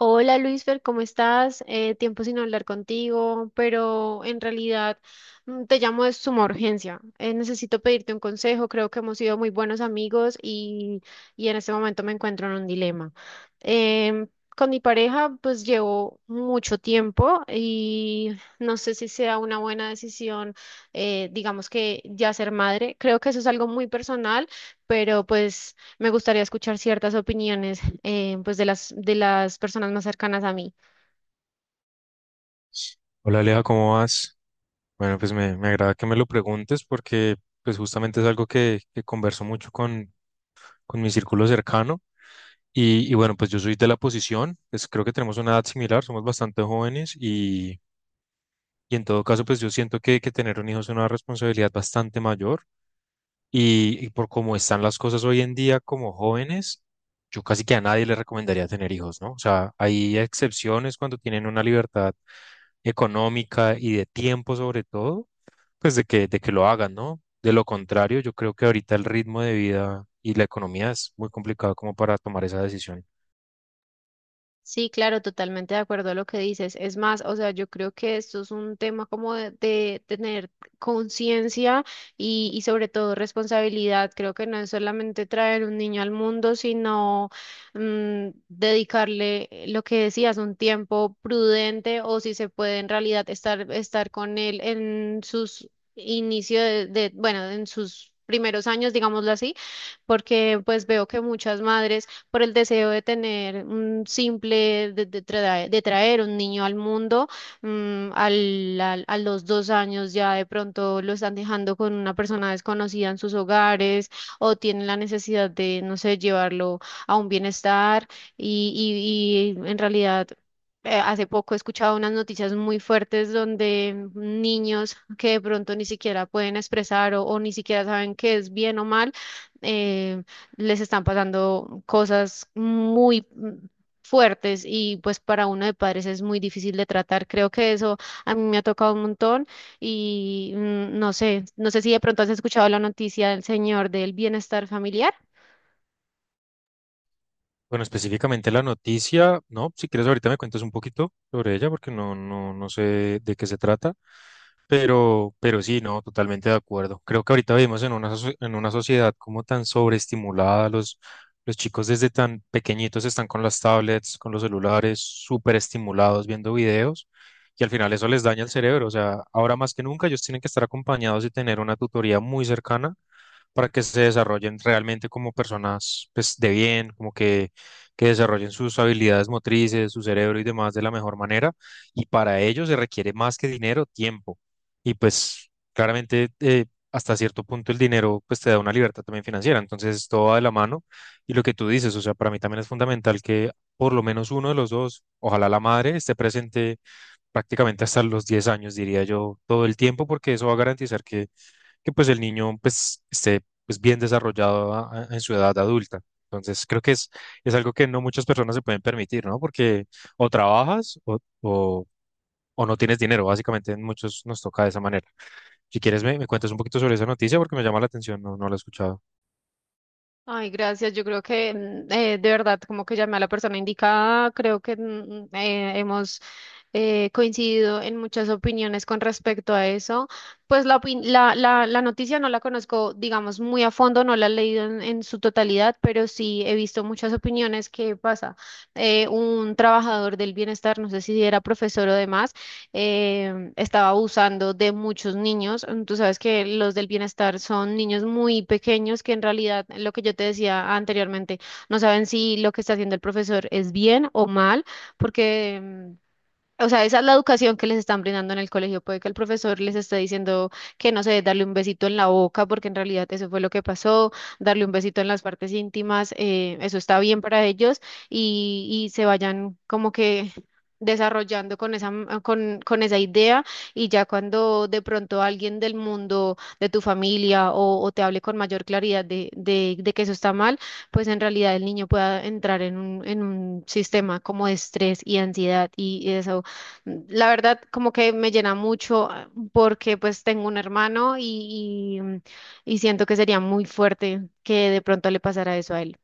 Hola Luisfer, ¿cómo estás? Tiempo sin hablar contigo, pero en realidad te llamo de suma urgencia. Necesito pedirte un consejo, creo que hemos sido muy buenos amigos y en este momento me encuentro en un dilema. Em, con mi pareja pues llevo mucho tiempo y no sé si sea una buena decisión, digamos que ya ser madre. Creo que eso es algo muy personal, pero pues me gustaría escuchar ciertas opiniones, pues de las personas más cercanas a mí. Hola Aleja, ¿cómo vas? Bueno, pues me agrada que me lo preguntes porque pues justamente es algo que converso mucho con mi círculo cercano y bueno, pues yo soy de la posición, pues creo que tenemos una edad similar, somos bastante jóvenes y en todo caso pues yo siento que tener un hijo es una responsabilidad bastante mayor y por cómo están las cosas hoy en día como jóvenes, yo casi que a nadie le recomendaría tener hijos, ¿no? O sea, hay excepciones cuando tienen una libertad económica y de tiempo sobre todo, pues de que lo hagan, ¿no? De lo contrario, yo creo que ahorita el ritmo de vida y la economía es muy complicado como para tomar esa decisión. Sí, claro, totalmente de acuerdo a lo que dices. Es más, o sea, yo creo que esto es un tema como de tener conciencia y sobre todo responsabilidad. Creo que no es solamente traer un niño al mundo, sino dedicarle, lo que decías, un tiempo prudente, o si se puede en realidad estar con él en sus inicios bueno, en sus primeros años, digámoslo así, porque pues veo que muchas madres, por el deseo de tener un simple, de traer un niño al mundo, a los 2 años ya de pronto lo están dejando con una persona desconocida en sus hogares, o tienen la necesidad de, no sé, llevarlo a un bienestar, y, y en realidad, hace poco he escuchado unas noticias muy fuertes donde niños que de pronto ni siquiera pueden expresar o ni siquiera saben qué es bien o mal, eh, les están pasando cosas muy fuertes, y pues para uno de padres es muy difícil de tratar. Creo que eso a mí me ha tocado un montón, y no sé, no sé si de pronto has escuchado la noticia del señor del bienestar familiar. Bueno, específicamente la noticia, ¿no? Si quieres ahorita me cuentas un poquito sobre ella porque no sé de qué se trata. Pero sí, no, totalmente de acuerdo. Creo que ahorita vivimos en una, en una sociedad como tan sobreestimulada, los chicos desde tan pequeñitos están con las tablets, con los celulares, súper estimulados viendo videos y al final eso les daña el cerebro. O sea, ahora más que nunca ellos tienen que estar acompañados y tener una tutoría muy cercana para que se desarrollen realmente como personas pues, de bien, como que desarrollen sus habilidades motrices, su cerebro y demás de la mejor manera. Y para ello se requiere más que dinero, tiempo. Y pues claramente hasta cierto punto el dinero pues te da una libertad también financiera. Entonces todo va de la mano. Y lo que tú dices, o sea, para mí también es fundamental que por lo menos uno de los dos, ojalá la madre, esté presente prácticamente hasta los 10 años, diría yo, todo el tiempo, porque eso va a garantizar que pues el niño pues esté pues bien desarrollado en su edad adulta. Entonces creo que es algo que no muchas personas se pueden permitir, ¿no? Porque o trabajas o no tienes dinero, básicamente en muchos nos toca de esa manera. Si quieres me cuentas un poquito sobre esa noticia porque me llama la atención, no la he escuchado. Ay, gracias. Yo creo que, de verdad, como que llamé a la persona indicada. Creo que, mm, hemos coincido en muchas opiniones con respecto a eso. Pues la noticia no la conozco, digamos, muy a fondo, no la he leído en su totalidad, pero sí he visto muchas opiniones que pasa. Un trabajador del bienestar, no sé si era profesor o demás, estaba abusando de muchos niños. Mm. Tú sabes que los del bienestar son niños muy pequeños que en realidad, lo que yo te decía anteriormente, no saben si lo que está haciendo el profesor es bien o mal, porque o sea, esa es la educación que les están brindando en el colegio. Puede que el profesor les esté diciendo que, no sé, darle un besito en la boca, porque en realidad eso fue lo que pasó, darle un besito en las partes íntimas, eso está bien para ellos, y se vayan como que desarrollando con esa idea, y ya cuando de pronto alguien del mundo, de tu familia o te hable con mayor claridad de que eso está mal, pues en realidad el niño pueda entrar en un sistema como de estrés y ansiedad y desahogarse. La verdad, como que me llena mucho, ah, porque pues tengo un hermano y siento que sería muy fuerte que de pronto le pasara eso a él.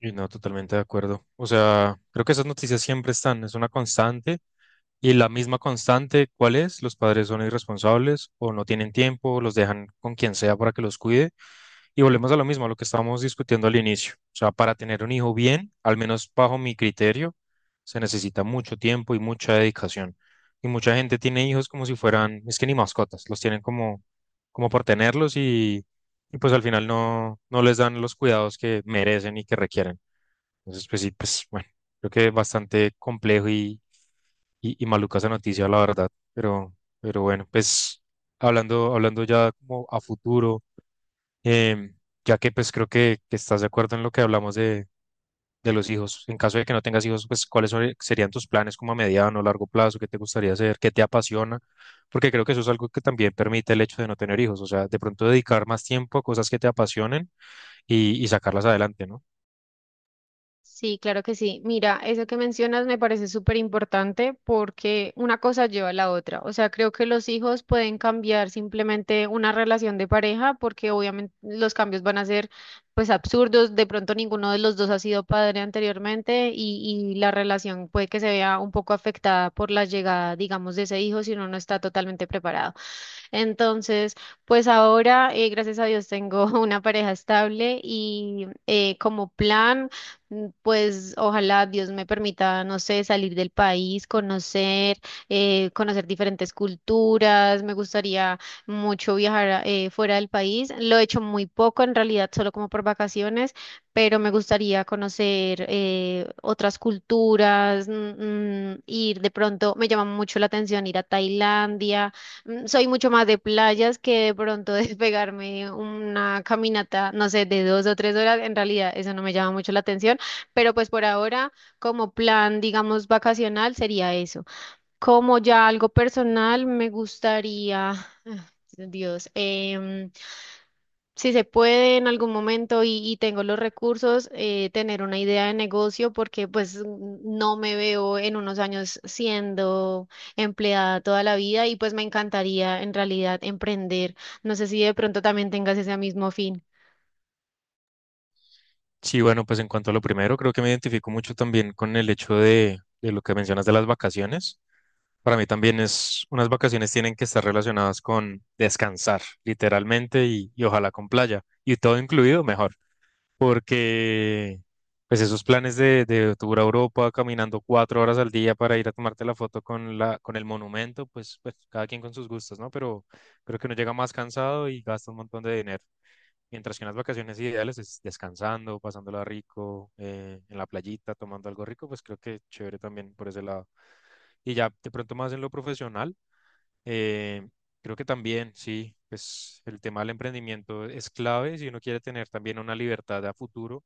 Y no, totalmente de acuerdo. O sea, creo que esas noticias siempre están, es una constante. Y la misma constante, ¿cuál es? Los padres son irresponsables o no tienen tiempo, o los dejan con quien sea para que los cuide. Y volvemos a lo mismo, a lo que estábamos discutiendo al inicio. O sea, para tener un hijo bien, al menos bajo mi criterio, se necesita mucho tiempo y mucha dedicación. Y mucha gente tiene hijos como si fueran, es que ni mascotas, los tienen como, como por tenerlos y pues al final no les dan los cuidados que merecen y que requieren. Entonces, pues sí, pues bueno, creo que bastante complejo y maluca esa noticia, la verdad. Pero bueno, pues hablando ya como a futuro, em, ya que pues creo que estás de acuerdo en lo que hablamos de los hijos. En caso de que no tengas hijos, pues ¿serían tus planes como a mediano o largo plazo? ¿Qué te gustaría hacer? ¿Qué te apasiona? Porque creo que eso es algo que también permite el hecho de no tener hijos. O sea, de pronto dedicar más tiempo a cosas que te apasionen y sacarlas adelante, ¿no? Sí, claro que sí. Mira, eso que mencionas me parece súper importante porque una cosa lleva a la otra. O sea, creo que los hijos pueden cambiar simplemente una relación de pareja porque obviamente los cambios van a ser pues absurdos. De pronto ninguno de los dos ha sido padre anteriormente, y la relación puede que se vea un poco afectada por la llegada, digamos, de ese hijo, si uno no está totalmente preparado. Entonces, pues ahora, gracias a Dios, tengo una pareja estable y, como plan, pues ojalá Dios me permita, no sé, salir del país, conocer, conocer diferentes culturas. Me gustaría mucho viajar fuera del país. Lo he hecho muy poco, en realidad, solo como por vacaciones, pero me gustaría conocer, otras culturas, ir de pronto, me llama mucho la atención ir a Tailandia. Soy mucho más de playas que de pronto despegarme una caminata, no sé, de 2 o 3 horas. En realidad, eso no me llama mucho la atención, pero pues por ahora, como plan, digamos, vacacional, sería eso. Como ya algo personal, me gustaría, Dios, si se puede en algún momento y tengo los recursos, tener una idea de negocio, porque pues no me veo en unos años siendo empleada toda la vida y pues me encantaría en realidad emprender. No sé si de pronto también tengas ese mismo fin. Sí, bueno, pues en cuanto a lo primero, creo que me identifico mucho también con el hecho de lo que mencionas de las vacaciones. Para mí también es, unas vacaciones tienen que estar relacionadas con descansar, literalmente, y ojalá con playa, y todo incluido mejor, porque pues esos planes de tour a Europa, caminando cuatro horas al día para ir a tomarte la foto con la, con el monumento, pues, pues cada quien con sus gustos, ¿no? Pero creo que uno llega más cansado y gasta un montón de dinero. Mientras que unas vacaciones ideales es descansando, pasándola rico, en la playita, tomando algo rico, pues creo que chévere también por ese lado. Y ya de pronto más en lo profesional, eh, creo que también, sí, pues el tema del emprendimiento es clave si uno quiere tener también una libertad a futuro,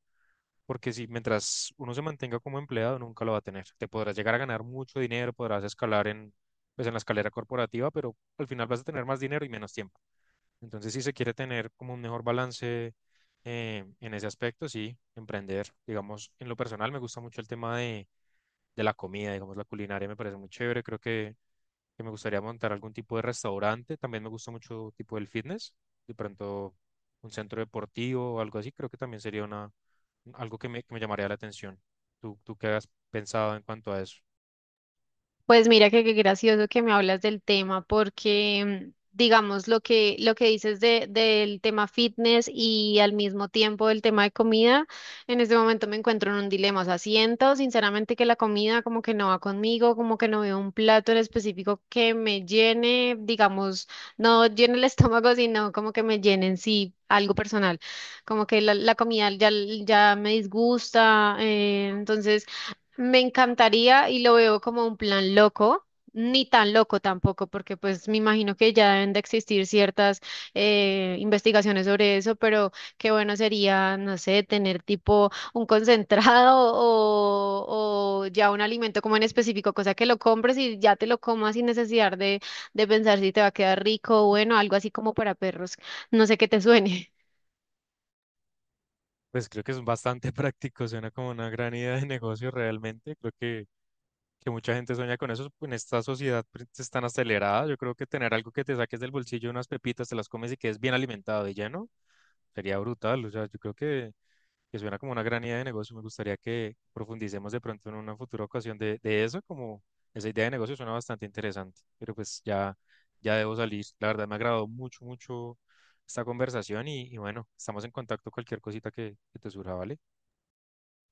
porque si mientras uno se mantenga como empleado, nunca lo va a tener. Te podrás llegar a ganar mucho dinero, podrás escalar en, pues, en la escalera corporativa, pero al final vas a tener más dinero y menos tiempo. Entonces, si se quiere tener como un mejor balance en ese aspecto, sí, emprender. Digamos, en lo personal me gusta mucho el tema de la comida, digamos, la culinaria me parece muy chévere. Creo que me gustaría montar algún tipo de restaurante. También me gusta mucho tipo del fitness. De pronto, un centro deportivo o algo así, creo que también sería una, algo que me llamaría la atención. ¿Tú qué has pensado en cuanto a eso? Pues mira que qué gracioso que me hablas del tema, porque digamos lo que dices del tema fitness y al mismo tiempo del tema de comida, en este momento me encuentro en un dilema. O sea, siento sinceramente que la comida como que no va conmigo, como que no veo un plato en específico que me llene, digamos, no llene el estómago, sino como que me llene en sí, algo personal, como que la comida ya, ya me disgusta. Entonces me encantaría, y lo veo como un plan loco, ni tan loco tampoco, porque pues me imagino que ya deben de existir ciertas, investigaciones sobre eso, pero qué bueno sería, no sé, tener tipo un concentrado o ya un alimento como en específico, cosa que lo compres y ya te lo comas sin necesidad de pensar si te va a quedar rico, o bueno, algo así como para perros, no sé qué te suene. Pues creo que es bastante práctico, suena como una gran idea de negocio realmente. Creo que mucha gente sueña con eso, en esta sociedad pues, es tan acelerada, yo creo que tener algo que te saques del bolsillo, unas pepitas, te las comes y quedes bien alimentado y lleno, sería brutal, o sea, yo creo que suena como una gran idea de negocio, me gustaría que profundicemos de pronto en una futura ocasión de eso, como esa idea de negocio suena bastante interesante, pero pues ya, ya debo salir, la verdad me ha agradado mucho, mucho esta conversación y bueno, estamos en contacto cualquier cosita que te surja, ¿vale?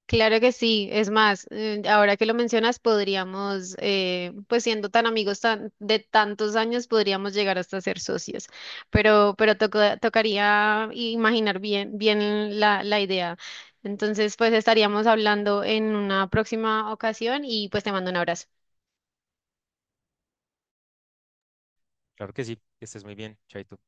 Claro que sí, es más, ahora que lo mencionas, podríamos, pues siendo tan amigos de tantos años, podríamos llegar hasta ser socios, pero tocaría imaginar bien, bien la idea. Entonces, pues estaríamos hablando en una próxima ocasión y pues te mando un abrazo. Claro que sí, que estés muy bien, chaito.